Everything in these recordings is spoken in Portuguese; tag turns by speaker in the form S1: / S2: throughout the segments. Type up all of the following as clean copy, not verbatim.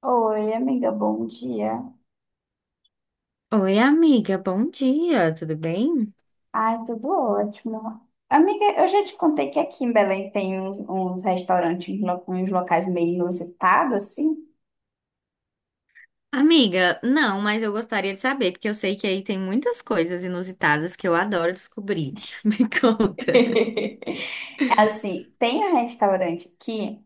S1: Oi, amiga, bom dia.
S2: Oi, amiga, bom dia, tudo bem?
S1: Ai, tudo ótimo. Amiga, eu já te contei que aqui em Belém tem uns restaurantes, uns locais meio inusitados, assim.
S2: Amiga, não, mas eu gostaria de saber, porque eu sei que aí tem muitas coisas inusitadas que eu adoro descobrir. Me conta.
S1: Assim, tem um restaurante aqui,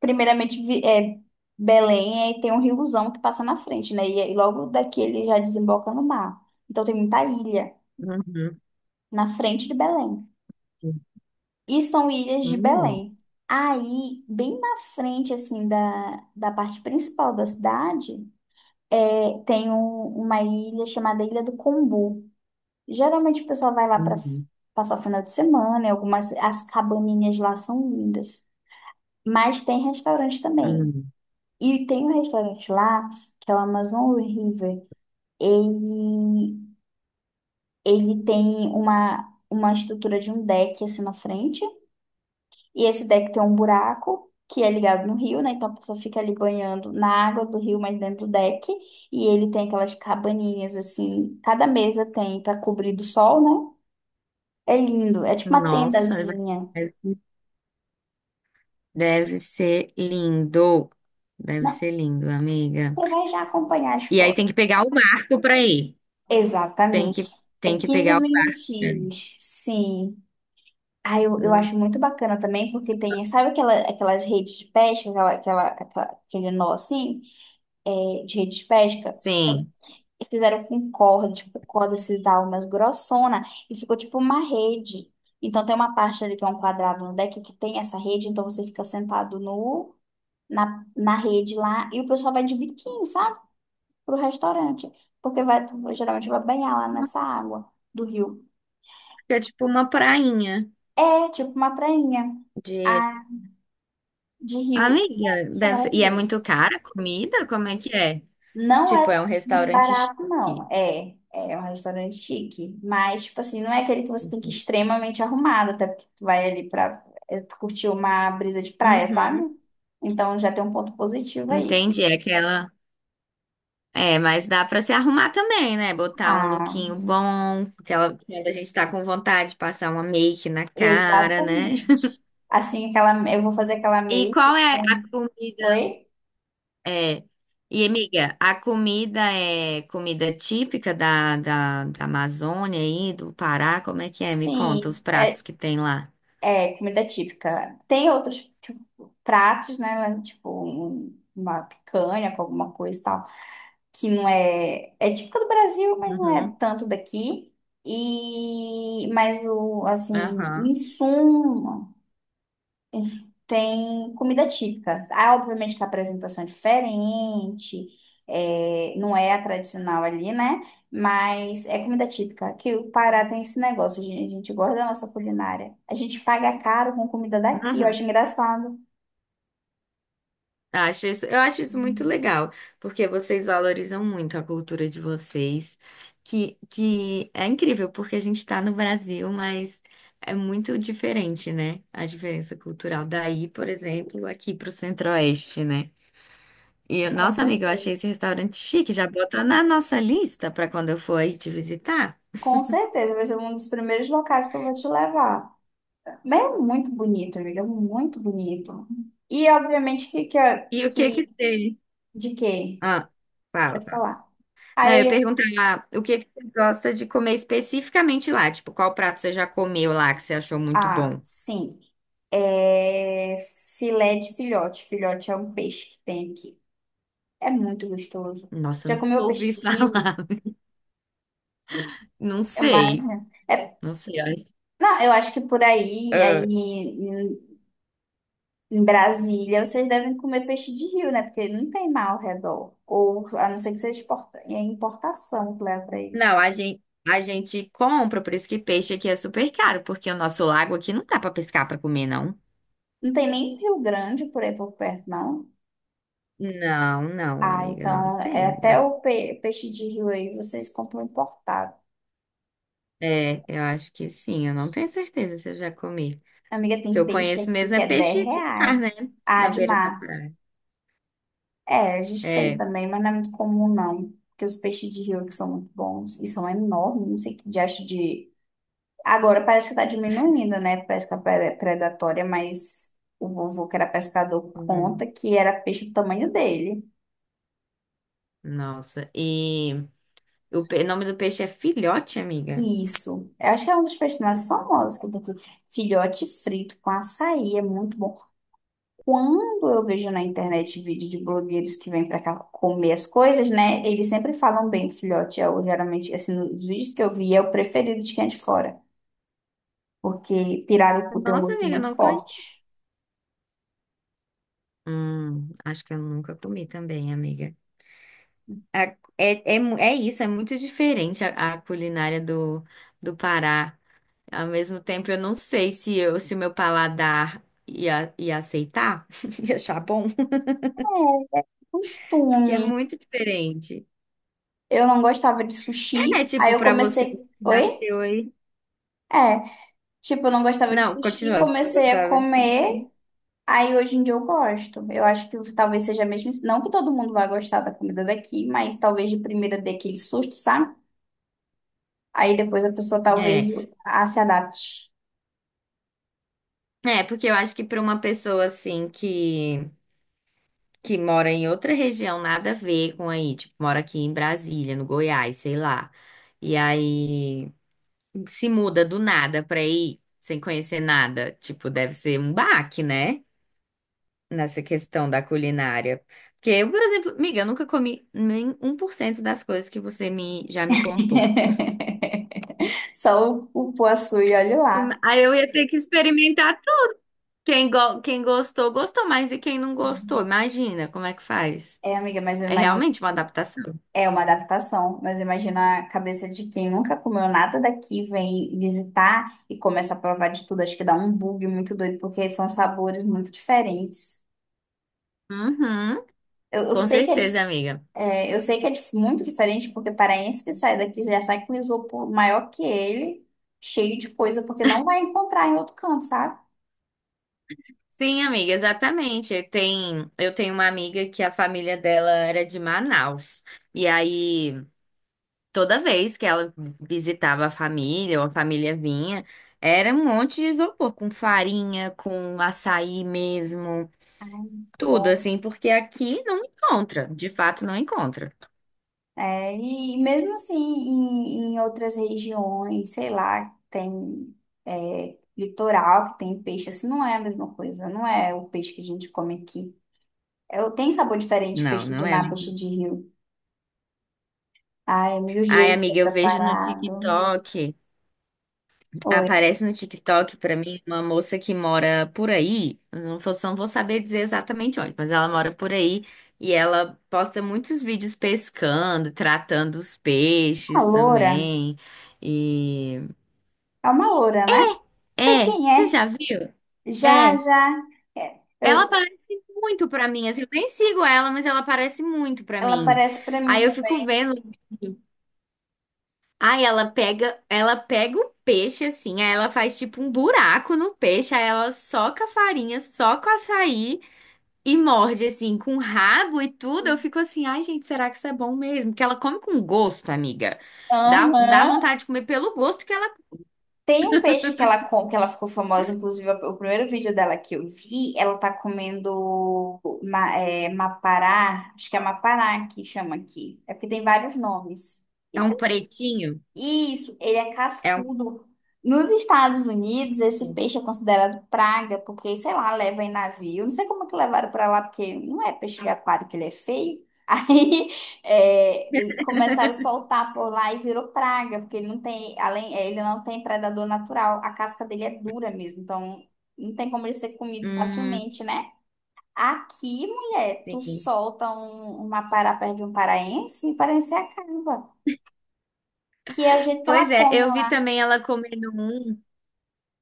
S1: primeiramente Belém, e tem um riozão que passa na frente, né? E logo daqui ele já desemboca no mar. Então tem muita ilha
S2: Uhum,
S1: na frente de Belém. E são ilhas de
S2: uhum,
S1: Belém. Aí, bem na frente, assim, da parte principal da cidade, tem uma ilha chamada Ilha do Combu. Geralmente o pessoal vai lá para
S2: uhum,
S1: passar o final de semana, e algumas, as cabaninhas lá são lindas. Mas tem restaurante também.
S2: uhum.
S1: E tem um restaurante lá, que é o Amazon River. Ele, ele tem uma estrutura de um deck, assim, na frente. E esse deck tem um buraco que é ligado no rio, né? Então a pessoa fica ali banhando na água do rio, mas dentro do deck. E ele tem aquelas cabaninhas assim, cada mesa tem para cobrir do sol, né? É lindo, é tipo uma
S2: Nossa,
S1: tendazinha.
S2: deve deve ser lindo. Deve
S1: Não,
S2: ser lindo, amiga.
S1: você vai já acompanhar as
S2: E aí
S1: fotos.
S2: tem que pegar o barco pra ir. Tem
S1: Exatamente.
S2: que,
S1: É
S2: tem que
S1: 15
S2: pegar o barco.
S1: minutinhos, sim. Ah, eu
S2: Hum,
S1: acho muito bacana também, porque tem, sabe aquela, aquelas redes de pesca, aquele nó assim, é, de rede de pesca?
S2: Sim.
S1: E fizeram com corda, tipo, corda esses daí umas grossona, e ficou tipo uma rede. Então tem uma parte ali que é um quadrado no deck que tem essa rede, então você fica sentado no, na, na rede lá, e o pessoal vai de biquíni, sabe? Pro restaurante. Porque vai, geralmente vai banhar lá nessa água do rio.
S2: É tipo uma prainha
S1: É tipo uma prainha,
S2: de.
S1: ah, de rio.
S2: Amiga,
S1: Isso é
S2: deve ser. E é muito
S1: maravilhoso.
S2: cara a comida? Como é que é?
S1: Não
S2: Tipo,
S1: é
S2: é um
S1: muito
S2: restaurante
S1: barato, não.
S2: chique.
S1: É, é um restaurante chique. Mas, tipo assim, não é aquele que você tem que ir extremamente arrumado, até porque tu vai ali pra tu curtir uma brisa de praia, sabe?
S2: Uhum.
S1: Então já tem um ponto positivo aí.
S2: Entendi, é aquela. É, mas dá pra se arrumar também, né? Botar um
S1: Ah,
S2: lookinho bom, aquela quando a gente tá com vontade de passar uma make na cara, né?
S1: exatamente. Assim, aquela, eu vou fazer aquela
S2: E
S1: make
S2: qual é a
S1: com...
S2: comida?
S1: Oi?
S2: É. E, amiga, a comida é comida típica da, da Amazônia aí, do Pará? Como é que é? Me conta os
S1: Sim, é,
S2: pratos que tem lá.
S1: é comida típica. Tem outros tipo, pratos, né? Tipo, uma picanha com alguma coisa e tal. Que não é, é típica do Brasil, mas não é
S2: Uhum.
S1: tanto daqui. E mas o assim, em
S2: Aham.
S1: suma, tem comida típica. Ah, obviamente que a apresentação é diferente, é, não é a tradicional ali, né? Mas é comida típica. Que o Pará tem esse negócio, a gente gosta da nossa culinária. A gente paga caro com comida daqui, eu
S2: Uhum.
S1: acho engraçado.
S2: Acho isso, eu acho isso muito legal, porque vocês valorizam muito a cultura de vocês, que é incrível, porque a gente está no Brasil, mas é muito diferente, né? A diferença cultural daí, por exemplo, aqui para o Centro-Oeste, né? E,
S1: Com
S2: nossa amiga, eu achei
S1: certeza.
S2: esse restaurante chique, já bota na nossa lista para quando eu for aí te visitar.
S1: Com certeza, vai ser um dos primeiros locais que eu vou te levar. Mas é muito bonito, ele é muito bonito. E obviamente que, que,
S2: E o que que
S1: que
S2: tem?
S1: de quê?
S2: Ah, fala.
S1: Pode falar.
S2: Não, eu
S1: Aí
S2: ia
S1: eu ia...
S2: perguntar o que que você gosta de comer especificamente lá? Tipo, qual prato você já comeu lá que você achou muito
S1: Ah,
S2: bom?
S1: sim. É filé de filhote. Filhote é um peixe que tem aqui. É muito gostoso.
S2: Nossa, eu
S1: Já
S2: não
S1: comeu peixe
S2: ouvi
S1: de
S2: falar.
S1: rio?
S2: Não
S1: Eu
S2: sei.
S1: imagino. É...
S2: Não sei.
S1: Não, eu acho que por aí, aí
S2: Ah,
S1: em Brasília, vocês devem comer peixe de rio, né? Porque não tem mar ao redor. Ou a não ser que seja exporta... é importação que leva para.
S2: não, a gente compra, por isso que peixe aqui é super caro, porque o nosso lago aqui não dá pra pescar pra comer, não.
S1: Não tem nem Rio Grande por aí por perto, não.
S2: Não, não,
S1: Ah,
S2: amiga, não
S1: então é
S2: tem.
S1: até o peixe de rio aí vocês compram importado.
S2: É, eu acho que sim, eu não tenho certeza se eu já comi. O
S1: Amiga,
S2: que
S1: tem
S2: eu
S1: peixe
S2: conheço
S1: aqui
S2: mesmo
S1: que
S2: é
S1: é 10
S2: peixe de mar, né?
S1: reais. Ah,
S2: Na
S1: de
S2: beira da
S1: mar.
S2: praia.
S1: É, a gente tem
S2: É.
S1: também, mas não é muito comum, não. Porque os peixes de rio que são muito bons e são enormes, não sei que diacho de. Agora parece que tá diminuindo, né? Pesca predatória, mas o vovô que era pescador
S2: Uhum.
S1: conta que era peixe do tamanho dele.
S2: Nossa, e o, o nome do peixe é filhote, amiga?
S1: Isso. Eu acho que é um dos personagens famosos que tem aqui. Filhote frito com açaí é muito bom. Quando eu vejo na internet vídeo de blogueiros que vêm pra cá comer as coisas, né? Eles sempre falam bem do filhote. Eu, geralmente, assim, nos vídeos que eu vi, é o preferido de quem é de fora. Porque pirarucu tem um
S2: Nossa,
S1: gosto
S2: amiga,
S1: muito
S2: não comi.
S1: forte.
S2: Acho que eu nunca comi também, amiga. É, é isso, é muito diferente a culinária do, do Pará. Ao mesmo tempo, eu não sei se eu, se o meu paladar ia aceitar, ia achar bom, porque é
S1: Costume.
S2: muito diferente.
S1: Eu não gostava de
S2: É,
S1: sushi. Aí
S2: tipo,
S1: eu
S2: pra você que
S1: comecei. Oi?
S2: nasceu aí.
S1: É. Tipo, eu não gostava de
S2: Não,
S1: sushi.
S2: continua, eu
S1: Comecei a
S2: gostava disso.
S1: comer. Aí hoje em dia eu gosto. Eu acho que talvez seja mesmo isso. Não que todo mundo vai gostar da comida daqui, mas talvez de primeira dê aquele susto, sabe? Aí depois a pessoa talvez
S2: É,
S1: ah, se adapte.
S2: porque eu acho que pra uma pessoa assim que mora em outra região, nada a ver com aí, tipo, mora aqui em Brasília, no Goiás, sei lá. E aí se muda do nada pra ir, sem conhecer nada. Tipo, deve ser um baque, né? Nessa questão da culinária. Porque eu, por exemplo, amiga, eu nunca comi nem um por cento das coisas que você me, já me contou.
S1: Só o poaçu e olhe lá.
S2: Aí eu ia ter que experimentar tudo. Quem gostou, gostou, mas e quem não gostou? Imagina como é que faz.
S1: É, amiga, mas eu
S2: É
S1: imagino.
S2: realmente uma adaptação.
S1: É uma adaptação, mas eu imagino a cabeça de quem nunca comeu nada daqui, vem visitar e começa a provar de tudo. Acho que dá um bug muito doido, porque são sabores muito diferentes.
S2: Uhum,
S1: Eu
S2: com
S1: sei que é.
S2: certeza, amiga.
S1: É, eu sei que é muito diferente, porque paraense que sai daqui já sai com isopor maior que ele, cheio de coisa, porque não vai encontrar em outro canto, sabe?
S2: Sim, amiga, exatamente. Tem, eu tenho uma amiga que a família dela era de Manaus. E aí, toda vez que ela visitava a família, ou a família vinha, era um monte de isopor, com farinha, com açaí mesmo,
S1: Ai,
S2: tudo
S1: bom.
S2: assim, porque aqui não encontra, de fato não encontra.
S1: É, e mesmo assim, em outras regiões, sei lá, tem é, litoral que tem peixe, assim, não é a mesma coisa, não é o peixe que a gente come aqui. Eu tenho sabor diferente,
S2: Não,
S1: peixe de
S2: não é
S1: mar, peixe
S2: mesmo.
S1: de rio. Ai, é mil
S2: Ai,
S1: jeitos é
S2: amiga, eu vejo no
S1: preparado.
S2: TikTok.
S1: Oi.
S2: Aparece no TikTok pra mim uma moça que mora por aí, eu não vou, não vou saber dizer exatamente onde, mas ela mora por aí e ela posta muitos vídeos pescando, tratando os
S1: Uma
S2: peixes
S1: loura.
S2: também. E
S1: É uma loura, né? Não sei
S2: é,
S1: quem
S2: você já
S1: é.
S2: viu?
S1: Já,
S2: É,
S1: já. É,
S2: ela
S1: eu-
S2: aparece muito pra mim, assim, eu nem sigo ela, mas ela aparece muito pra
S1: ela
S2: mim.
S1: aparece pra mim
S2: Aí eu fico
S1: também.
S2: vendo. Aí ela pega o peixe assim, aí ela faz tipo um buraco no peixe, aí ela soca a farinha, soca o açaí e morde assim com o rabo e tudo. Eu fico assim, ai gente, será que isso é bom mesmo? Porque ela come com gosto, amiga.
S1: Aham.
S2: Dá vontade de comer pelo gosto que ela.
S1: Tem um peixe que ela, que ela ficou famosa, inclusive o primeiro vídeo dela que eu vi, ela tá comendo ma, é, mapará, acho que é mapará que chama aqui. É porque tem vários nomes. E
S2: É um pretinho,
S1: isso, ele é
S2: é um.
S1: cascudo. Nos Estados Unidos, esse peixe é considerado praga, porque, sei lá, leva em navio. Não sei como é que levaram para lá, porque não é peixe de aquário que ele é feio. Aí é, e começaram a soltar por lá e virou praga, porque ele não tem, além, é, ele não tem predador natural. A casca dele é dura mesmo, então não tem como ele ser comido
S2: Hum,
S1: facilmente, né? Aqui, mulher, tu
S2: sim.
S1: solta um, uma pará perto de um paraense e o paraense acaba, que é o jeito que
S2: Pois
S1: ela
S2: é,
S1: come
S2: eu vi
S1: lá.
S2: também ela comendo um.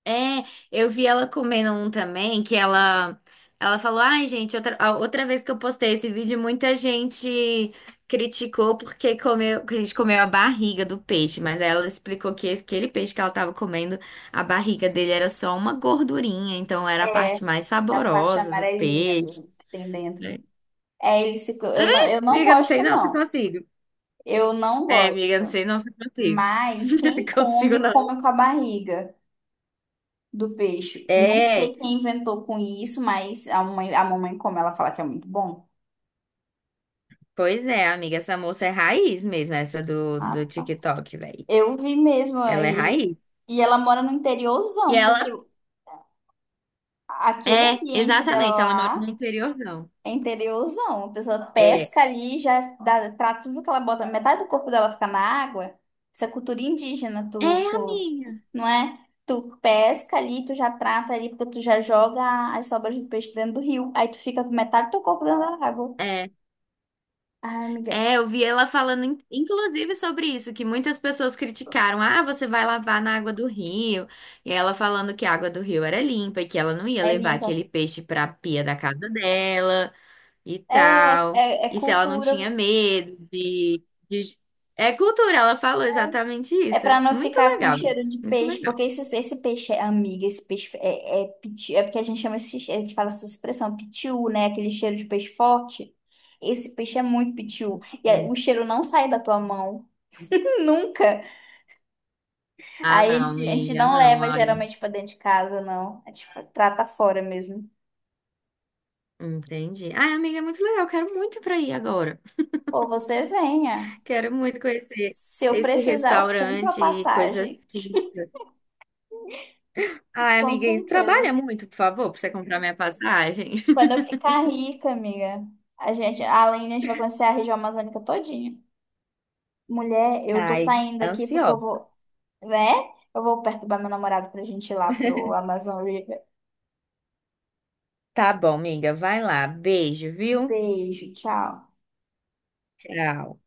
S2: É, eu vi ela comendo um também, que ela falou: "Ai, gente, outra, a outra vez que eu postei esse vídeo, muita gente criticou porque comeu, que a gente comeu a barriga do peixe, mas aí ela explicou que aquele peixe que ela tava comendo, a barriga dele era só uma gordurinha, então era a
S1: É,
S2: parte mais
S1: é a parte
S2: saborosa do
S1: amarelinha
S2: peixe,
S1: do, que tem dentro.
S2: né?
S1: É, ele se, eu não
S2: Amiga, não sei
S1: gosto,
S2: não se
S1: não.
S2: consigo.
S1: Eu não
S2: É, amiga,
S1: gosto.
S2: não sei não se consigo.
S1: Mas quem
S2: Consigo
S1: come,
S2: não.
S1: come com a barriga do peixe. Não sei
S2: É,
S1: quem inventou com isso, mas a mãe, a mamãe, como ela fala que é muito bom.
S2: pois é, amiga, essa moça é raiz mesmo, essa do, do
S1: Ah,
S2: TikTok, velho.
S1: eu vi mesmo
S2: Ela é
S1: aí.
S2: raiz.
S1: E ela mora no
S2: E
S1: interiorzão, porque
S2: ela
S1: aquele
S2: é,
S1: ambiente dela
S2: exatamente, ela mora no
S1: lá.
S2: interior, não.
S1: É interiorzão. A pessoa
S2: É,
S1: pesca ali, já dá pra tudo que ela bota, metade do corpo dela fica na água. Isso é cultura indígena, tu,
S2: é a
S1: tu,
S2: minha.
S1: não é? Tu pesca ali, tu já trata ali, porque tu já joga as sobras do peixe dentro do rio. Aí tu fica com metade do teu corpo dentro da água.
S2: É.
S1: Ai, amiga,
S2: É, eu vi ela falando, inclusive, sobre isso, que muitas pessoas criticaram. Ah, você vai lavar na água do rio. E ela falando que a água do rio era limpa e que ela não ia
S1: é
S2: levar
S1: limpa.
S2: aquele peixe pra pia da casa dela e
S1: É,
S2: tal.
S1: é
S2: E se ela não
S1: cultura.
S2: tinha medo de... É cultura, ela falou exatamente
S1: É
S2: isso.
S1: pra não
S2: Muito
S1: ficar com
S2: legal
S1: cheiro
S2: isso,
S1: de
S2: muito
S1: peixe,
S2: legal.
S1: porque esse peixe é amiga, esse peixe é, é é porque a gente chama esse, a gente fala essa expressão, pitiu, né? Aquele cheiro de peixe forte. Esse peixe é muito pitiu. E aí, o
S2: Hum.
S1: cheiro não sai da tua mão. Nunca.
S2: Ah,
S1: Aí a
S2: não,
S1: gente, a gente
S2: amiga,
S1: não
S2: não.
S1: leva geralmente pra dentro de casa, não. A gente trata fora mesmo.
S2: Entendi. Ai, amiga, é muito legal. Quero muito ir pra aí agora.
S1: Ou você venha.
S2: Quero muito conhecer
S1: Se eu
S2: esse
S1: precisar, eu compro a
S2: restaurante, coisa
S1: passagem.
S2: típica. Ai,
S1: Com
S2: amiga, isso
S1: certeza.
S2: trabalha muito, por favor, pra você comprar minha passagem.
S1: Quando eu ficar rica, amiga, a gente, além a gente vai conhecer a região amazônica todinha. Mulher, eu tô
S2: Ai,
S1: saindo aqui porque eu
S2: ansiosa.
S1: vou, né? Eu vou perturbar meu namorado pra gente ir lá pro Amazon River.
S2: Tá bom, amiga. Vai lá. Beijo, viu?
S1: Beijo, tchau.
S2: Tchau.